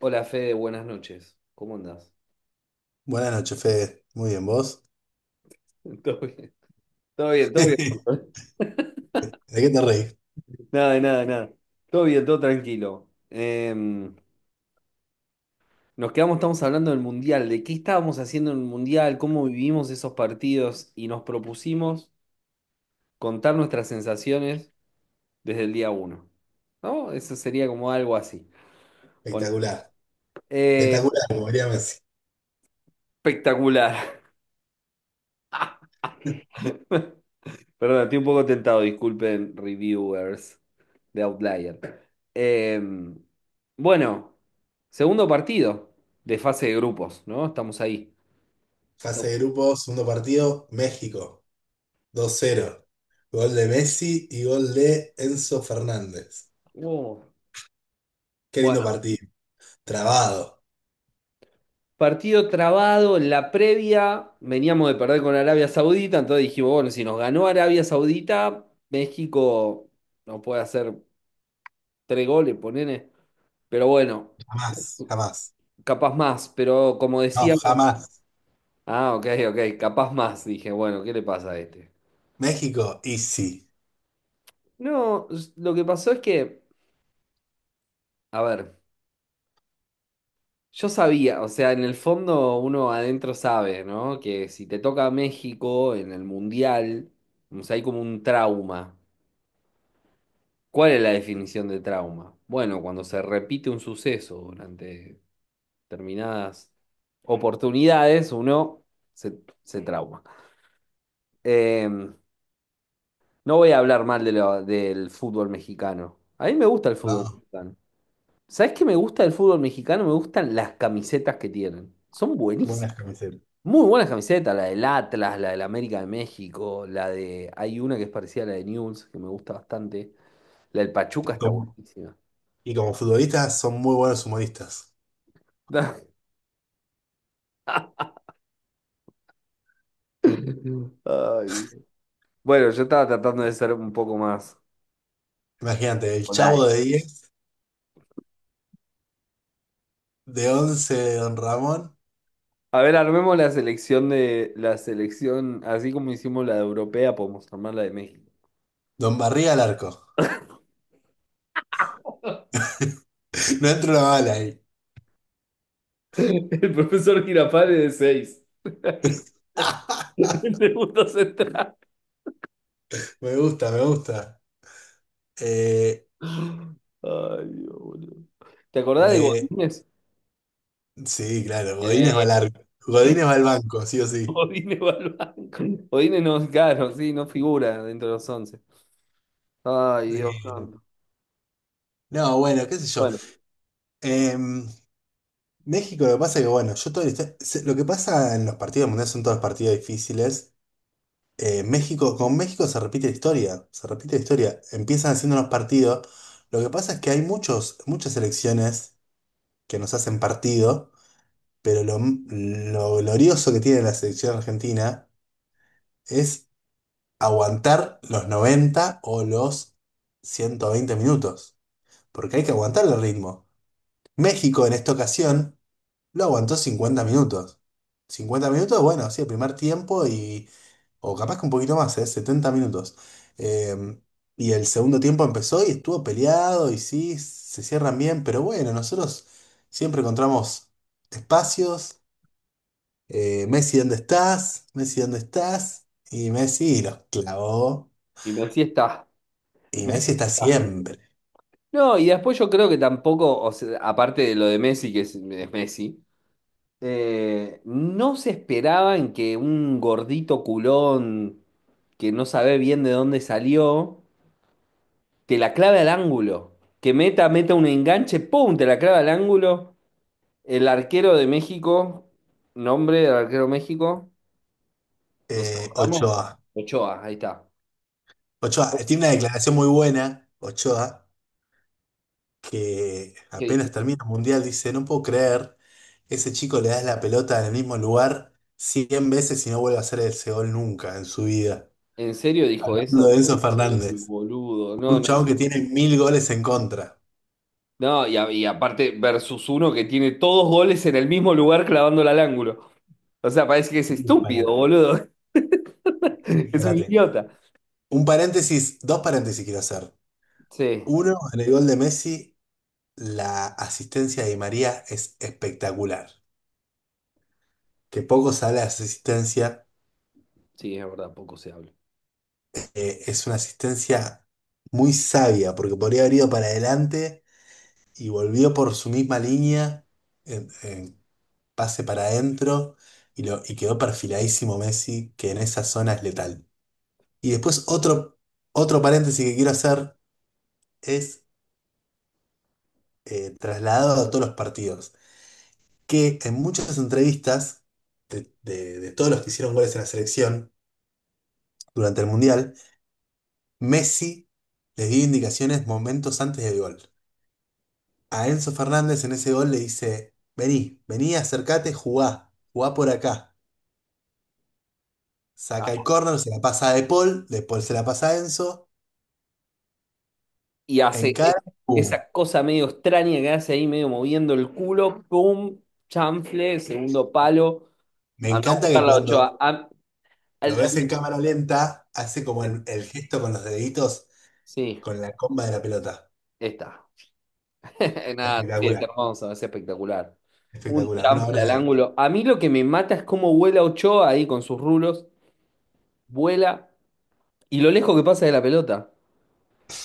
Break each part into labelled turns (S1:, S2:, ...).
S1: Hola Fede, buenas noches. ¿Cómo andás?
S2: Buenas noches, Fede. Muy bien, ¿vos?
S1: Todo bien, todo bien, todo
S2: ¿De
S1: bien.
S2: qué te reís?
S1: Nada, de nada, de nada. Todo bien, todo tranquilo. Estamos hablando del Mundial, de qué estábamos haciendo en el Mundial, cómo vivimos esos partidos y nos propusimos contar nuestras sensaciones desde el día uno. ¿No? Eso sería como algo así. Pon-
S2: Espectacular.
S1: Eh,
S2: Espectacular, como diría Messi.
S1: espectacular. Perdón, estoy un poco tentado, disculpen, reviewers de Outlier. Bueno, segundo partido de fase de grupos, ¿no? Estamos ahí.
S2: Fase de
S1: Estamos-
S2: grupo, segundo partido, México. 2-0. Gol de Messi y gol de Enzo Fernández.
S1: Oh.
S2: Qué lindo
S1: Bueno,
S2: partido. Trabado.
S1: partido trabado en la previa, veníamos de perder con Arabia Saudita, entonces dijimos, bueno, si nos ganó Arabia Saudita, México no puede hacer tres goles, ponele. Pero bueno,
S2: Jamás, jamás.
S1: capaz más, pero como
S2: No,
S1: decíamos,
S2: jamás.
S1: ah, ok, ok, capaz más, dije, bueno, ¿qué le pasa a este?
S2: México, easy.
S1: No, lo que pasó es que, a ver, yo sabía, o sea, en el fondo uno adentro sabe, ¿no? Que si te toca México en el Mundial, o sea, hay como un trauma. ¿Cuál es la definición de trauma? Bueno, cuando se repite un suceso durante determinadas oportunidades, uno se trauma. Em, no voy a hablar mal del fútbol mexicano. A mí me gusta el fútbol
S2: No,
S1: mexicano. ¿Sabés qué me gusta del fútbol mexicano? Me gustan las camisetas que tienen. Son buenísimas.
S2: buenas camisetas.
S1: Muy buenas camisetas, la del Atlas, la del América de México, la de... Hay una que es parecida a la de Newell's, que me gusta bastante. La del Pachuca
S2: Y
S1: está
S2: como,
S1: buenísima.
S2: y como futbolistas son muy buenos humoristas.
S1: Ay. Bueno, yo estaba tratando de ser un poco más.
S2: Imagínate, el
S1: Hola.
S2: Chavo de 10, de 11, de Don Ramón,
S1: A ver, armemos la selección de la selección, así como hicimos la de europea, podemos armar la de México.
S2: Don Barriga al arco. No entra una bala ahí.
S1: El profesor Girafales de seis. El segundo central.
S2: Me gusta, me gusta. Eh,
S1: Ay, Dios, boludo. ¿Te acordás de
S2: de...
S1: Godínez?
S2: Sí, claro, Godínez va
S1: Eh,
S2: largo. Godínez va al banco, sí o sí.
S1: Godínez va al banco. Godínez no, claro, sí, no figura dentro de los once. Ay, Dios
S2: Bueno.
S1: santo.
S2: No, bueno, qué sé yo.
S1: Bueno,
S2: Em, México, lo que pasa es que, bueno, yo todo el este- se- lo que pasa en los partidos mundiales son todos partidos difíciles. México, con México se repite la historia, se repite la historia. Empiezan haciendo los partidos. Lo que pasa es que hay muchas selecciones que nos hacen partido. Pero lo glorioso que tiene la selección argentina es aguantar los 90 o los 120 minutos, porque hay que aguantar el ritmo. México en esta ocasión lo aguantó 50 minutos. 50 minutos, bueno, sí, el primer tiempo y, o capaz que un poquito más, ¿eh? 70 minutos. Eh, y el segundo tiempo empezó y estuvo peleado y sí, se cierran bien, pero bueno, nosotros siempre encontramos espacios. Messi, ¿dónde estás? Messi, ¿dónde estás? Y Messi los clavó.
S1: y Messi está.
S2: Y Messi
S1: Messi
S2: está
S1: está.
S2: siempre.
S1: No, y después yo creo que tampoco, o sea, aparte de lo de Messi, que es Messi, no se esperaban que un gordito culón que no sabe bien de dónde salió, te la clave al ángulo. Que meta, meta un enganche, ¡pum! Te la clave al ángulo. El arquero de México, nombre del arquero de México, ¿nos acordamos?
S2: Ochoa.
S1: Ochoa, ahí está.
S2: Ochoa tiene una declaración muy buena, Ochoa, que
S1: ¿Qué dice?
S2: apenas termina el mundial dice, no puedo creer, ese chico le das la pelota en el mismo lugar 100 veces y no vuelve a hacer ese gol nunca en su vida.
S1: ¿En serio dijo
S2: Hablando de
S1: eso?
S2: Enzo
S1: Uy,
S2: Fernández,
S1: boludo. No,
S2: un
S1: no,
S2: chavo que tiene 1000 goles en contra.
S1: no, y, y aparte, versus uno que tiene todos goles en el mismo lugar clavándola al ángulo. O sea, parece que es
S2: Un
S1: estúpido,
S2: disparate.
S1: boludo.
S2: Un
S1: Es un
S2: disparate.
S1: idiota.
S2: Un paréntesis, dos paréntesis quiero hacer.
S1: Sí,
S2: Uno, en el gol de Messi, la asistencia de Di María es espectacular. Que poco sale la asistencia,
S1: sí, es verdad, poco se habla.
S2: es una asistencia muy sabia, porque podría haber ido para adelante y volvió por su misma línea, en pase para adentro, y, y quedó perfiladísimo Messi, que en esa zona es letal. Y después otro paréntesis que quiero hacer es trasladado a todos los partidos. Que en muchas entrevistas de todos los que hicieron goles en la selección durante el Mundial, Messi les dio indicaciones momentos antes del gol. A Enzo Fernández en ese gol le dice, vení, vení, acercate, jugá, jugá por acá. Saca el
S1: Ah,
S2: córner, se la pasa a De Paul, De Paul se la pasa a Enzo,
S1: y hace
S2: encara, ¡pum!
S1: esa cosa medio extraña que hace ahí, medio moviendo el culo, pum, chanfle, segundo palo.
S2: Me
S1: Anda a
S2: encanta
S1: buscar
S2: que
S1: la
S2: cuando
S1: Ochoa.
S2: lo
S1: El-
S2: ves en cámara lenta, hace como
S1: el-
S2: el gesto con los deditos,
S1: sí,
S2: con la comba de la pelota.
S1: está. Nada, sí, es
S2: Espectacular,
S1: hermoso, es espectacular. Un
S2: espectacular, una
S1: chanfle
S2: obra
S1: al
S2: de arte.
S1: ángulo. A mí lo que me mata es cómo vuela Ochoa ahí con sus rulos. Vuela y lo lejos que pasa de la pelota.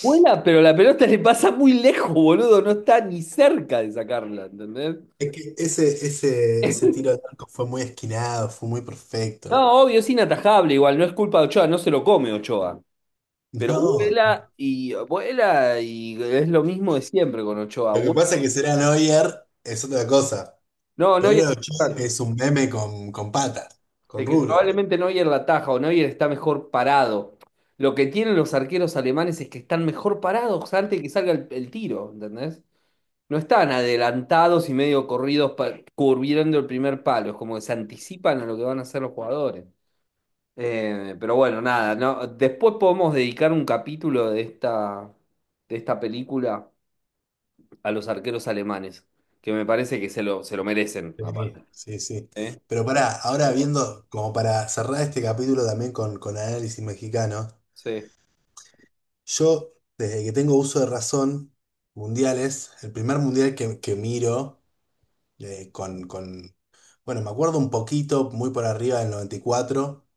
S1: Vuela, pero la pelota le pasa muy lejos, boludo. No está ni cerca de sacarla, ¿entendés?
S2: Es que ese tiro al arco fue muy esquinado, fue muy perfecto.
S1: No, obvio, es inatajable, igual, no es culpa de Ochoa, no se lo come Ochoa. Pero
S2: No,
S1: vuela y vuela y es lo mismo de siempre con Ochoa.
S2: lo que pasa es que será Neuer es otra cosa.
S1: No, no,
S2: Pero era Ochoa que es un meme con patas, con
S1: de que
S2: rubro.
S1: probablemente Neuer la ataja o Neuer está mejor parado. Lo que tienen los arqueros alemanes es que están mejor parados antes de que salga el tiro, ¿entendés? No están adelantados y medio corridos curviando el primer palo, es como que se anticipan a lo que van a hacer los jugadores. Pero bueno, nada, ¿no? Después podemos dedicar un capítulo de esta, película a los arqueros alemanes, que me parece que se lo merecen,
S2: Sí,
S1: aparte.
S2: sí, sí.
S1: ¿Eh?
S2: Pero pará, ahora
S1: Pero,
S2: viendo, como para cerrar este capítulo también con análisis mexicano,
S1: sí.
S2: yo, desde que tengo uso de razón, mundiales, el primer mundial que miro, eh, con, con, bueno, me acuerdo un poquito, muy por arriba del noventa y cuatro.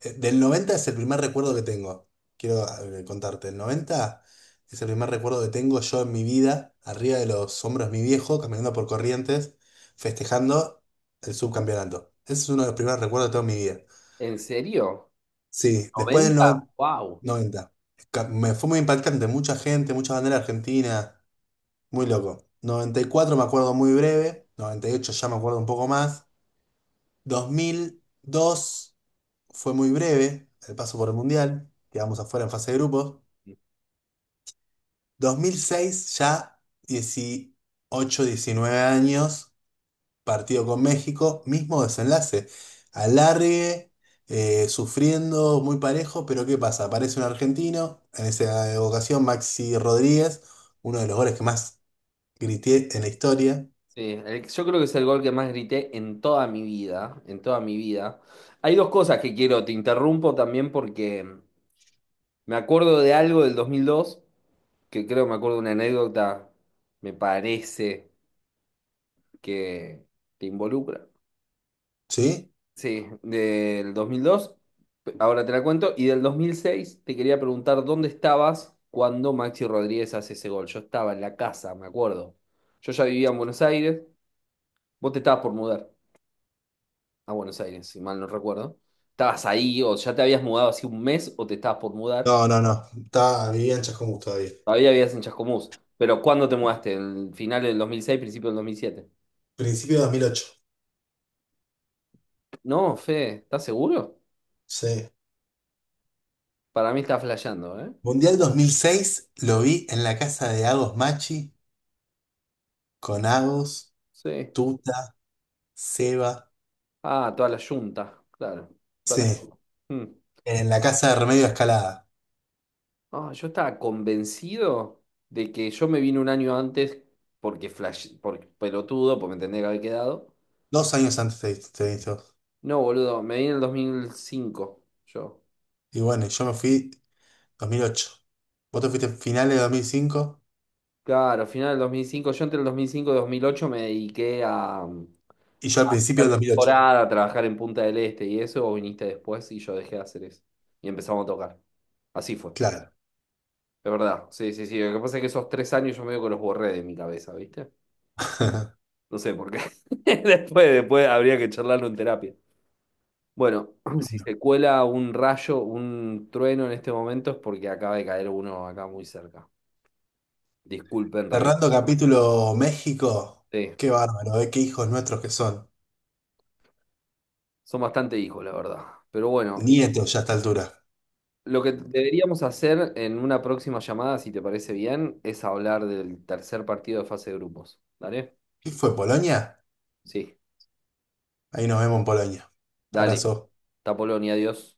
S2: Del 90 es el primer recuerdo que tengo. Quiero contarte. El 90 es el primer recuerdo que tengo yo en mi vida, arriba de los hombros de mi viejo, caminando por Corrientes, festejando el subcampeonato. Ese es uno de los primeros recuerdos de toda mi vida.
S1: ¿En serio?
S2: Sí, después del
S1: Noventa. ¡Wow!
S2: 90. Me fue muy impactante. Mucha gente, mucha bandera argentina. Muy loco. Noventa y cuatro me acuerdo muy breve. Noventa y ocho ya me acuerdo un poco más. 2002. Fue muy breve el paso por el Mundial, quedamos afuera en fase de grupos. 2006, ya 18, 19 años, partido con México, mismo desenlace. Alargue, sufriendo, muy parejo, pero ¿qué pasa? Aparece un argentino, en esa ocasión Maxi Rodríguez, uno de los goles que más grité en la historia,
S1: Sí, yo creo que es el gol que más grité en toda mi vida, en toda mi vida. Hay dos cosas que quiero, te interrumpo también porque me acuerdo de algo del 2002, que creo me acuerdo de una anécdota, me parece que te involucra.
S2: ¿sí?
S1: Sí, del 2002, ahora te la cuento, y del 2006 te quería preguntar dónde estabas cuando Maxi Rodríguez hace ese gol. Yo estaba en la casa, me acuerdo. Yo ya vivía en Buenos Aires, vos te estabas por mudar a Buenos Aires, si mal no recuerdo. Estabas ahí o ya te habías mudado hace un mes o te estabas por mudar.
S2: No, no, no, estaba, vivía en Chascomús todavía.
S1: Todavía vivías en Chascomús. Pero ¿cuándo te mudaste? ¿En final del 2006, principio del 2007?
S2: Principio de 2008,
S1: No, Fe, ¿estás seguro?
S2: sí.
S1: Para mí está flasheando, ¿eh?
S2: Mundial 2006 lo vi en la casa de Agos Machi con Agos,
S1: Sí.
S2: Tuta, Seba.
S1: Ah, toda la yunta, claro.
S2: Sí,
S1: Toda la yunta. Mm.
S2: en la casa de Remedio Escalada.
S1: Ah, yo estaba convencido de que yo me vine un año antes porque flash, por pelotudo, porque me tendría que haber quedado.
S2: Dos años antes de esto.
S1: No, boludo, me vine en el 2005, yo.
S2: Y bueno, yo me fui 2008. Vos te fuiste finales de 2005
S1: Claro, final del 2005, yo entre el 2005 y 2008 me dediqué a
S2: y yo al principio de
S1: hacer
S2: 2008.
S1: temporada, a trabajar en Punta del Este y eso, vos viniste después y yo dejé de hacer eso. Y empezamos a tocar. Así fue,
S2: Claro.
S1: de verdad. Sí, sí, sí. Lo que pasa es que esos 3 años yo medio que los borré de mi cabeza, ¿viste? No sé por qué. Después, después habría que charlarlo en terapia. Bueno, si se cuela un rayo, un trueno en este momento es porque acaba de caer uno acá muy cerca. Disculpen, revisé.
S2: Cerrando capítulo México. Qué bárbaro, ¿eh? Qué hijos nuestros que son.
S1: Son bastante hijos, la verdad. Pero bueno,
S2: Nietos ya a esta altura.
S1: lo que deberíamos hacer en una próxima llamada, si te parece bien, es hablar del tercer partido de fase de grupos. ¿Dale?
S2: ¿Qué fue, Polonia?
S1: Sí,
S2: Ahí nos vemos en Polonia.
S1: dale.
S2: Abrazo.
S1: Hasta Polonia, adiós.